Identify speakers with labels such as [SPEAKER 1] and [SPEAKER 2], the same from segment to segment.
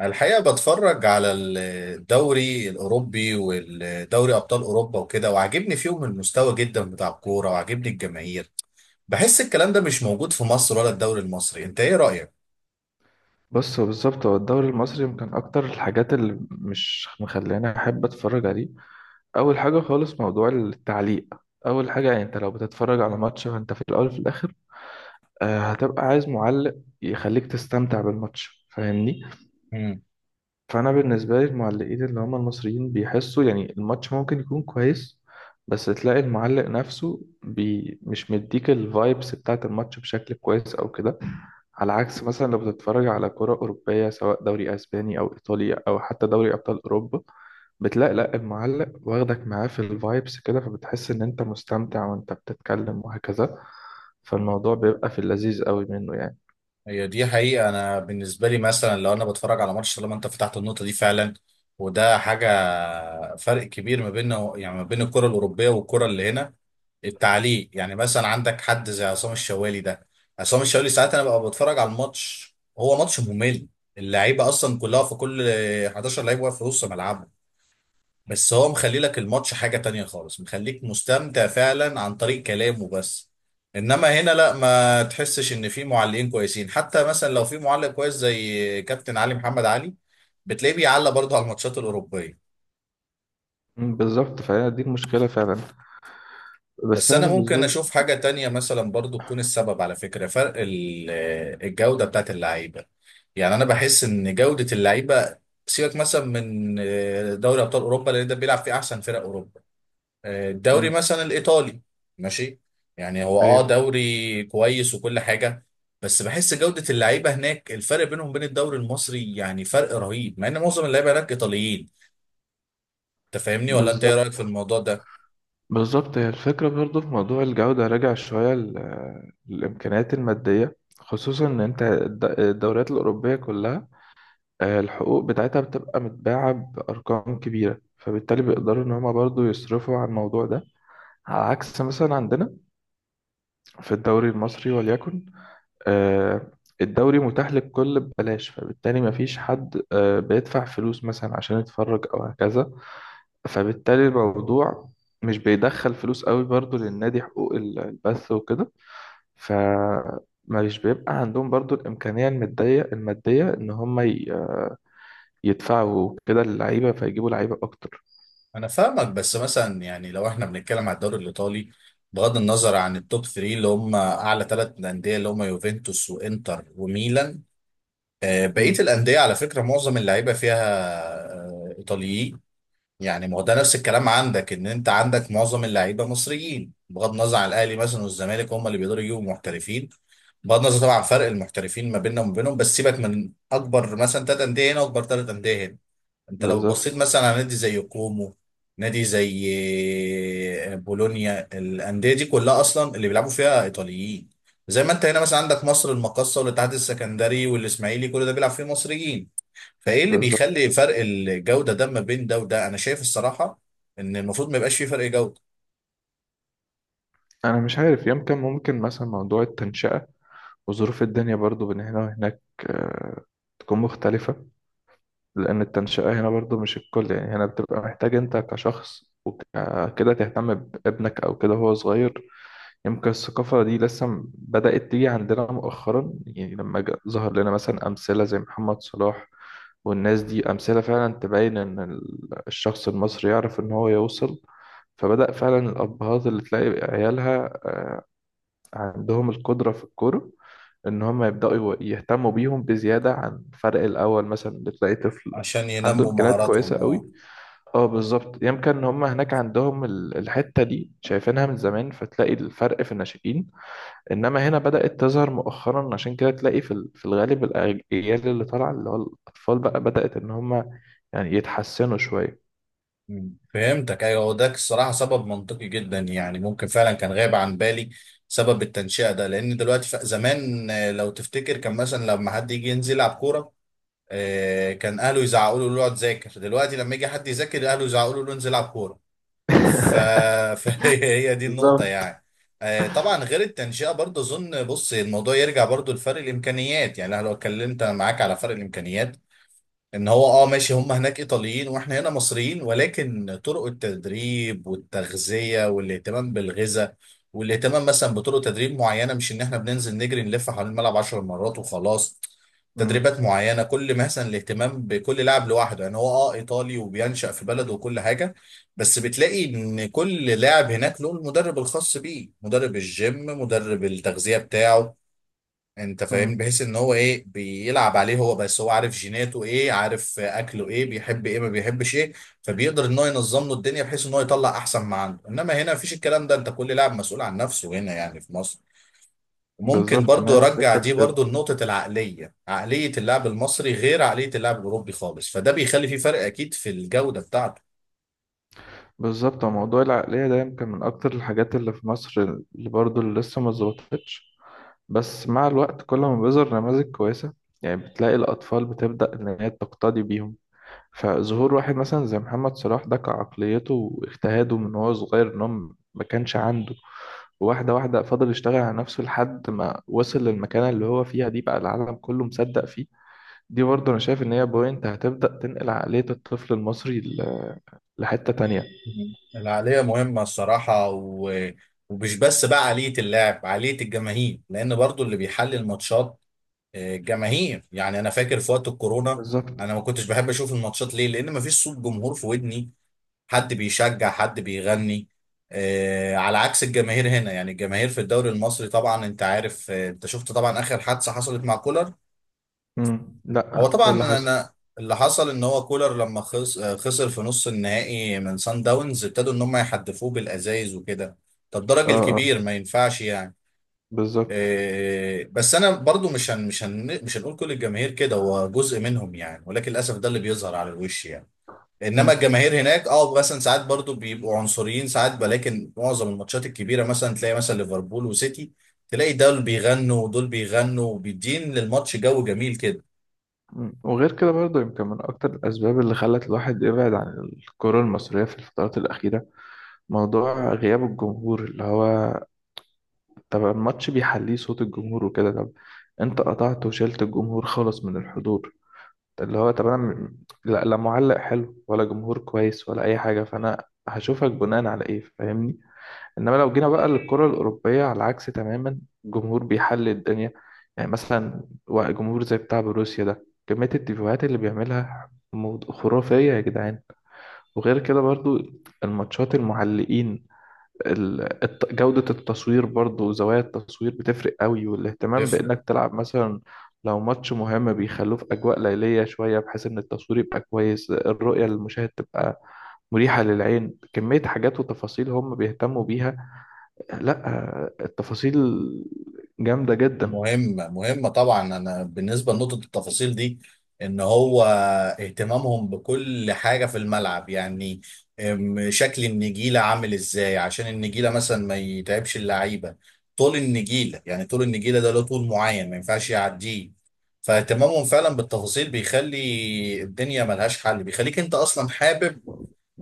[SPEAKER 1] الحقيقة بتفرج على الدوري الأوروبي والدوري أبطال أوروبا وكده، وعاجبني فيهم المستوى جدا بتاع الكورة، وعاجبني الجماهير. بحس الكلام ده مش موجود في مصر ولا الدوري المصري. أنت إيه رأيك؟
[SPEAKER 2] بص، هو بالظبط، هو الدوري المصري يمكن أكتر الحاجات اللي مش مخلاني أحب أتفرج عليه. أول حاجة خالص، موضوع التعليق. أول حاجة يعني، أنت لو بتتفرج على ماتش، فأنت في الأول وفي الآخر هتبقى عايز معلق يخليك تستمتع بالماتش، فاهمني؟ فانا بالنسبه لي المعلقين اللي هم المصريين بيحسوا يعني الماتش ممكن يكون كويس، بس تلاقي المعلق نفسه بي مش مديك الفايبس بتاعت الماتش بشكل كويس او كده. على عكس مثلا لو بتتفرج على كرة أوروبية سواء دوري أسباني أو إيطالي أو حتى دوري أبطال أوروبا، بتلاقي لأ، المعلق واخدك معاه في الفايبس كده، فبتحس إن أنت مستمتع وأنت بتتكلم وهكذا. فالموضوع بيبقى في اللذيذ قوي منه يعني.
[SPEAKER 1] هي دي حقيقة. أنا بالنسبة لي مثلا لو أنا بتفرج على ماتش، طالما أنت فتحت النقطة دي فعلا، وده حاجة، فرق كبير ما بين يعني ما بين الكرة الأوروبية والكرة اللي هنا. التعليق، يعني مثلا عندك حد زي عصام الشوالي ده. عصام الشوالي ساعات أنا ببقى بتفرج على الماتش، هو ماتش ممل، اللعيبة أصلا كلها في كل، 11 لعيب واقف في نص ملعبهم، بس هو مخلي لك الماتش حاجة تانية خالص، مخليك مستمتع فعلا عن طريق كلامه بس. انما هنا لا، ما تحسش ان في معلقين كويسين، حتى مثلا لو في معلق كويس زي كابتن علي محمد علي، بتلاقيه بيعلق برضه على الماتشات الأوروبية.
[SPEAKER 2] مم، بالظبط، فهي دي المشكلة فعلا. بس
[SPEAKER 1] بس
[SPEAKER 2] أنا
[SPEAKER 1] انا
[SPEAKER 2] بالنسبة
[SPEAKER 1] ممكن
[SPEAKER 2] لي،
[SPEAKER 1] اشوف حاجة تانية مثلا برضه تكون السبب، على فكرة، فرق الجودة بتاعت اللعيبة. يعني انا بحس ان جودة اللعيبة، سيبك مثلا من دوري ابطال اوروبا لان ده بيلعب فيه احسن فرق اوروبا، الدوري
[SPEAKER 2] مم،
[SPEAKER 1] مثلا الايطالي، ماشي، يعني هو
[SPEAKER 2] أيوه.
[SPEAKER 1] دوري كويس وكل حاجه، بس بحس جوده اللعيبه هناك الفرق بينهم وبين الدوري المصري يعني فرق رهيب، مع ان معظم اللعيبه هناك ايطاليين. انت فاهمني؟ ولا انت ايه رايك في
[SPEAKER 2] بالظبط
[SPEAKER 1] الموضوع ده؟
[SPEAKER 2] بالظبط هي الفكرة برضو في موضوع الجودة، راجع شوية للإمكانيات المادية، خصوصا إن أنت الدوريات الأوروبية كلها الحقوق بتاعتها بتبقى متباعة بأرقام كبيرة، فبالتالي بيقدروا إن هما برضو يصرفوا على الموضوع ده. على عكس مثلا عندنا في الدوري المصري وليكن، آه، الدوري متاح للكل ببلاش، فبالتالي مفيش حد بيدفع فلوس مثلا عشان يتفرج أو هكذا. فبالتالي الموضوع مش بيدخل فلوس قوي برضو للنادي، حقوق البث وكده. ف مش بيبقى عندهم برضو الإمكانية المادية إن هم يدفعوا كده اللعيبة فيجيبوا لعيبة أكتر.
[SPEAKER 1] انا فاهمك، بس مثلا يعني لو احنا بنتكلم على الدوري الايطالي، بغض النظر عن التوب 3 اللي هم اعلى ثلاث انديه، اللي هم يوفنتوس وانتر وميلان، بقيه
[SPEAKER 2] مم.
[SPEAKER 1] الانديه على فكره معظم اللعيبه فيها ايطاليين. يعني ما هو ده نفس الكلام عندك، ان انت عندك معظم اللعيبه مصريين بغض النظر عن الاهلي مثلا والزمالك، هم اللي بيقدروا يجيبوا محترفين. بغض النظر طبعا عن فرق المحترفين ما بيننا وما بينهم، بس سيبك من اكبر مثلا ثلاث انديه هنا واكبر ثلاث انديه هنا. انت لو بصيت
[SPEAKER 2] بالظبط.
[SPEAKER 1] مثلا على نادي زي كومو، نادي زي بولونيا، الانديه دي كلها اصلا اللي بيلعبوا فيها ايطاليين. زي ما انت هنا مثلا عندك مصر المقاصه والاتحاد السكندري والاسماعيلي، كل ده بيلعب فيه مصريين. فايه اللي بيخلي
[SPEAKER 2] بالظبط
[SPEAKER 1] فرق الجوده ده ما بين ده وده؟ انا شايف الصراحه ان المفروض ما يبقاش فيه فرق جوده.
[SPEAKER 2] أنا مش عارف، يمكن ممكن مثلا موضوع التنشئة وظروف الدنيا برضو بين هنا وهناك آه، تكون مختلفة. لأن التنشئة هنا برضو مش الكل، يعني هنا بتبقى محتاج أنت كشخص وكده تهتم بابنك أو كده وهو صغير. يمكن الثقافة دي لسه بدأت تيجي عندنا مؤخرا، يعني لما ظهر لنا مثلا أمثلة زي محمد صلاح. والناس دي أمثلة فعلا تبين إن الشخص المصري يعرف إن هو يوصل. فبدأ فعلا الأبهات اللي تلاقي عيالها عندهم القدرة في الكورة، إن هم يبدأوا يهتموا بيهم بزيادة عن الفرق الأول، مثلا اللي تلاقي طفل
[SPEAKER 1] عشان
[SPEAKER 2] عنده
[SPEAKER 1] ينموا
[SPEAKER 2] إمكانيات كويسة
[SPEAKER 1] مهاراتهم، اه.
[SPEAKER 2] قوي. اه بالظبط، يمكن إن هم هناك عندهم الحتة دي شايفينها من زمان، فتلاقي الفرق في الناشئين. انما هنا بدأت تظهر مؤخرا، عشان كده تلاقي في في الغالب الاجيال اللي طالعه اللي هو الاطفال بقى بدأت ان هم يعني يتحسنوا شويه.
[SPEAKER 1] مم. فهمتك. ايوه، هو ده الصراحه سبب منطقي جدا، يعني ممكن فعلا كان غايب عن بالي سبب التنشئه ده. لان دلوقتي، زمان لو تفتكر كان مثلا لما حد يجي ينزل يلعب كوره، كان اهله يزعقوا له اقعد ذاكر، دلوقتي لما يجي حد يذاكر اهله يزعقوا له انزل العب كوره. ف... فهي دي النقطة
[SPEAKER 2] بالظبط.
[SPEAKER 1] يعني. طبعا غير التنشئة برضه، أظن بص الموضوع يرجع برضه لفرق الإمكانيات. يعني أنا لو اتكلمت معاك على فرق الإمكانيات، ان هو ماشي، هم هناك ايطاليين واحنا هنا مصريين، ولكن طرق التدريب والتغذيه والاهتمام بالغذاء، والاهتمام مثلا بطرق تدريب معينه، مش ان احنا بننزل نجري نلف حوالين الملعب 10 مرات وخلاص.
[SPEAKER 2] مم.
[SPEAKER 1] تدريبات معينه، كل مثلا الاهتمام بكل لاعب لوحده. يعني هو ايطالي وبينشأ في بلده وكل حاجه، بس بتلاقي ان كل لاعب هناك له المدرب الخاص بيه، مدرب الجيم، مدرب التغذيه بتاعه. انت
[SPEAKER 2] مم.
[SPEAKER 1] فاهم؟ بحيث ان هو ايه بيلعب عليه هو بس، هو عارف جيناته ايه، عارف اكله ايه، بيحب ايه، ما بيحبش ايه. فبيقدر ان هو ينظم له الدنيا بحيث ان هو يطلع احسن ما عنده. انما هنا مفيش الكلام ده، انت كل لاعب مسؤول عن نفسه هنا يعني في مصر. ممكن
[SPEAKER 2] بالظبط، ما
[SPEAKER 1] برضو
[SPEAKER 2] هي
[SPEAKER 1] ارجع
[SPEAKER 2] الفكرة في
[SPEAKER 1] دي
[SPEAKER 2] كده.
[SPEAKER 1] برضو لنقطة العقلية، عقلية اللاعب المصري غير عقلية اللاعب الاوروبي خالص، فده بيخلي فيه فرق اكيد في الجودة بتاعته.
[SPEAKER 2] بالظبط هو موضوع العقلية ده يمكن من أكتر الحاجات اللي في مصر اللي برضو اللي لسه ما اتظبطتش. بس مع الوقت كل ما بيظهر نماذج كويسة، يعني بتلاقي الأطفال بتبدأ إن هي تقتدي بيهم. فظهور واحد مثلا زي محمد صلاح ده، كعقليته واجتهاده من وهو صغير، ان هو ما كانش عنده واحدة واحدة، فضل يشتغل على نفسه لحد ما وصل للمكانة اللي هو فيها دي، بقى العالم كله مصدق فيه. دي برضه أنا شايف إن هي بوينت هتبدأ تنقل عقلية الطفل المصري لحتة تانية.
[SPEAKER 1] مم. العقلية مهمة الصراحة، ومش بس بقى عقلية اللاعب، عقلية الجماهير، لان برضو اللي بيحلل ماتشات جماهير. يعني انا فاكر في وقت الكورونا،
[SPEAKER 2] بالظبط.
[SPEAKER 1] انا ما كنتش بحب اشوف الماتشات، ليه؟ لان ما فيش صوت جمهور في ودني، حد بيشجع، حد بيغني، على عكس الجماهير هنا. يعني الجماهير في الدوري المصري طبعا انت عارف، انت شفت طبعا اخر حادثة حصلت مع كولر.
[SPEAKER 2] مم.
[SPEAKER 1] هو
[SPEAKER 2] لأ،
[SPEAKER 1] طبعا
[SPEAKER 2] إيه اللي
[SPEAKER 1] انا
[SPEAKER 2] حصل؟
[SPEAKER 1] أنا اللي حصل ان هو كولر لما خسر في نص النهائي من سان داونز، ابتدوا ان هم يحدفوه بالازايز وكده. ده الدرج
[SPEAKER 2] آه آه.
[SPEAKER 1] الكبير، ما ينفعش يعني.
[SPEAKER 2] بالظبط.
[SPEAKER 1] إيه، بس انا برضو مش هنقول كل الجماهير كده، هو جزء منهم يعني، ولكن للاسف ده اللي بيظهر على الوش يعني. انما
[SPEAKER 2] مم.
[SPEAKER 1] الجماهير هناك، مثلا ساعات برضو بيبقوا عنصريين ساعات، ولكن معظم الماتشات الكبيره مثلا تلاقي مثلا ليفربول وسيتي، تلاقي دول بيغنوا ودول بيغنوا وبيدين للماتش جو جميل كده.
[SPEAKER 2] مم، وغير كده برضه يمكن من أكتر الأسباب اللي خلت الواحد يبعد عن الكرة المصرية في الفترات الأخيرة، موضوع غياب الجمهور. اللي هو طب الماتش بيحليه صوت الجمهور وكده، طب انت قطعت وشلت الجمهور خالص من الحضور. اللي هو طب انا لا, لا معلق حلو ولا جمهور كويس ولا اي حاجة، فانا هشوفك بناء على ايه، فاهمني؟ انما لو جينا بقى للكرة الأوروبية على العكس تماما، الجمهور بيحل الدنيا. يعني مثلا جمهور زي بتاع بروسيا ده، كمية التيفوهات اللي بيعملها خرافية يا جدعان. وغير كده برضو الماتشات، المعلقين، جودة التصوير برضو، زوايا التصوير بتفرق قوي، والاهتمام
[SPEAKER 1] بتفرق.
[SPEAKER 2] بإنك تلعب مثلا لو ماتش مهم بيخلوه في أجواء ليلية شوية، بحيث إن التصوير يبقى كويس، الرؤية للمشاهد تبقى مريحة للعين. كمية حاجات وتفاصيل هم بيهتموا بيها. لا، التفاصيل جامدة جدا.
[SPEAKER 1] مهمة مهمة طبعا. أنا بالنسبة لنقطة التفاصيل دي، إن هو اهتمامهم بكل حاجة في الملعب، يعني شكل النجيلة عامل إزاي عشان النجيلة مثلا ما يتعبش اللعيبة، طول النجيلة، يعني طول النجيلة ده له طول معين ما ينفعش يعديه. فاهتمامهم فعلا بالتفاصيل بيخلي الدنيا ملهاش حل، بيخليك أنت أصلا حابب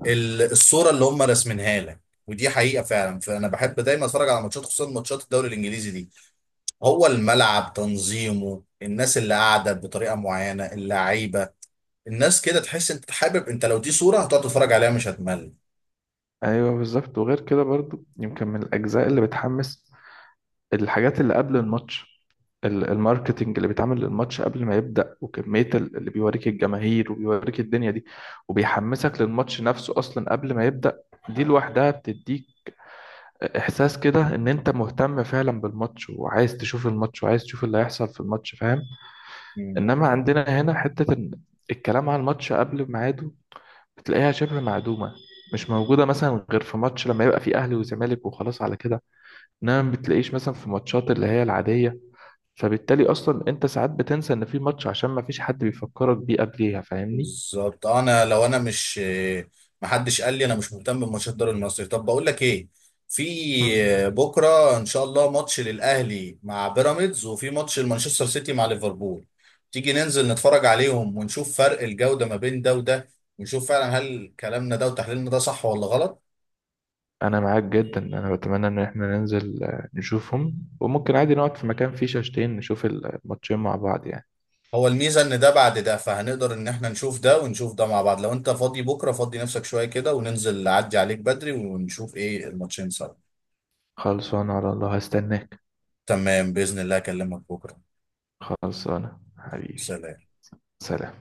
[SPEAKER 1] الصورة اللي هم راسمينها لك. ودي حقيقة فعلا، فأنا بحب دايما أتفرج على ماتشات خصوصا ماتشات الدوري الإنجليزي دي. هو الملعب تنظيمه، الناس اللي قاعده بطريقه معينه، اللعيبه، الناس كده، تحس انت حابب، انت لو دي صوره هتقعد تتفرج عليها مش هتمل.
[SPEAKER 2] أيوة بالظبط. وغير كده برضو يمكن من الأجزاء اللي بتحمس، الحاجات اللي قبل الماتش، الماركتينج اللي بيتعمل للماتش قبل ما يبدأ، وكمية اللي بيوريك الجماهير وبيوريك الدنيا دي، وبيحمسك للماتش نفسه أصلا قبل ما يبدأ. دي لوحدها بتديك إحساس كده إن أنت مهتم فعلا بالماتش، وعايز تشوف الماتش، وعايز تشوف اللي هيحصل في الماتش، فاهم.
[SPEAKER 1] مم.
[SPEAKER 2] إنما عندنا هنا حتة إن الكلام على الماتش قبل ميعاده بتلاقيها شبه معدومة، مش موجودة مثلا غير في ماتش لما يبقى فيه أهلي وزمالك وخلاص على كده. إنما ما بتلاقيش مثلا في ماتشات اللي هي العادية. فبالتالي اصلا انت ساعات بتنسى ان في ماتش عشان ما فيش حد بيفكرك بيه قبليها، فاهمني؟
[SPEAKER 1] بالظبط. انا لو انا مش، محدش قال لي انا مش مهتم بماتشات الدوري المصري، طب بقول لك ايه، في
[SPEAKER 2] مم.
[SPEAKER 1] بكره ان شاء الله ماتش للاهلي مع بيراميدز، وفي ماتش لمانشستر سيتي مع ليفربول، تيجي ننزل نتفرج عليهم ونشوف فرق الجوده ما بين ده وده، ونشوف فعلا هل كلامنا ده وتحليلنا ده صح ولا غلط.
[SPEAKER 2] انا معاك جدا، انا بتمنى ان احنا ننزل نشوفهم، وممكن عادي نقعد في مكان فيه شاشتين نشوف الماتشين مع بعض يعني.
[SPEAKER 1] هو الميزة ان ده بعد ده، فهنقدر ان احنا نشوف ده ونشوف ده مع بعض. لو انت فاضي بكرة، فاضي نفسك شوية كده، وننزل، اعدي عليك بدري ونشوف ايه الماتشين سوا.
[SPEAKER 2] خلصانه على الله، هستناك.
[SPEAKER 1] تمام، بإذن الله اكلمك بكرة.
[SPEAKER 2] خلصانه حبيبي.
[SPEAKER 1] سلام.
[SPEAKER 2] سلام.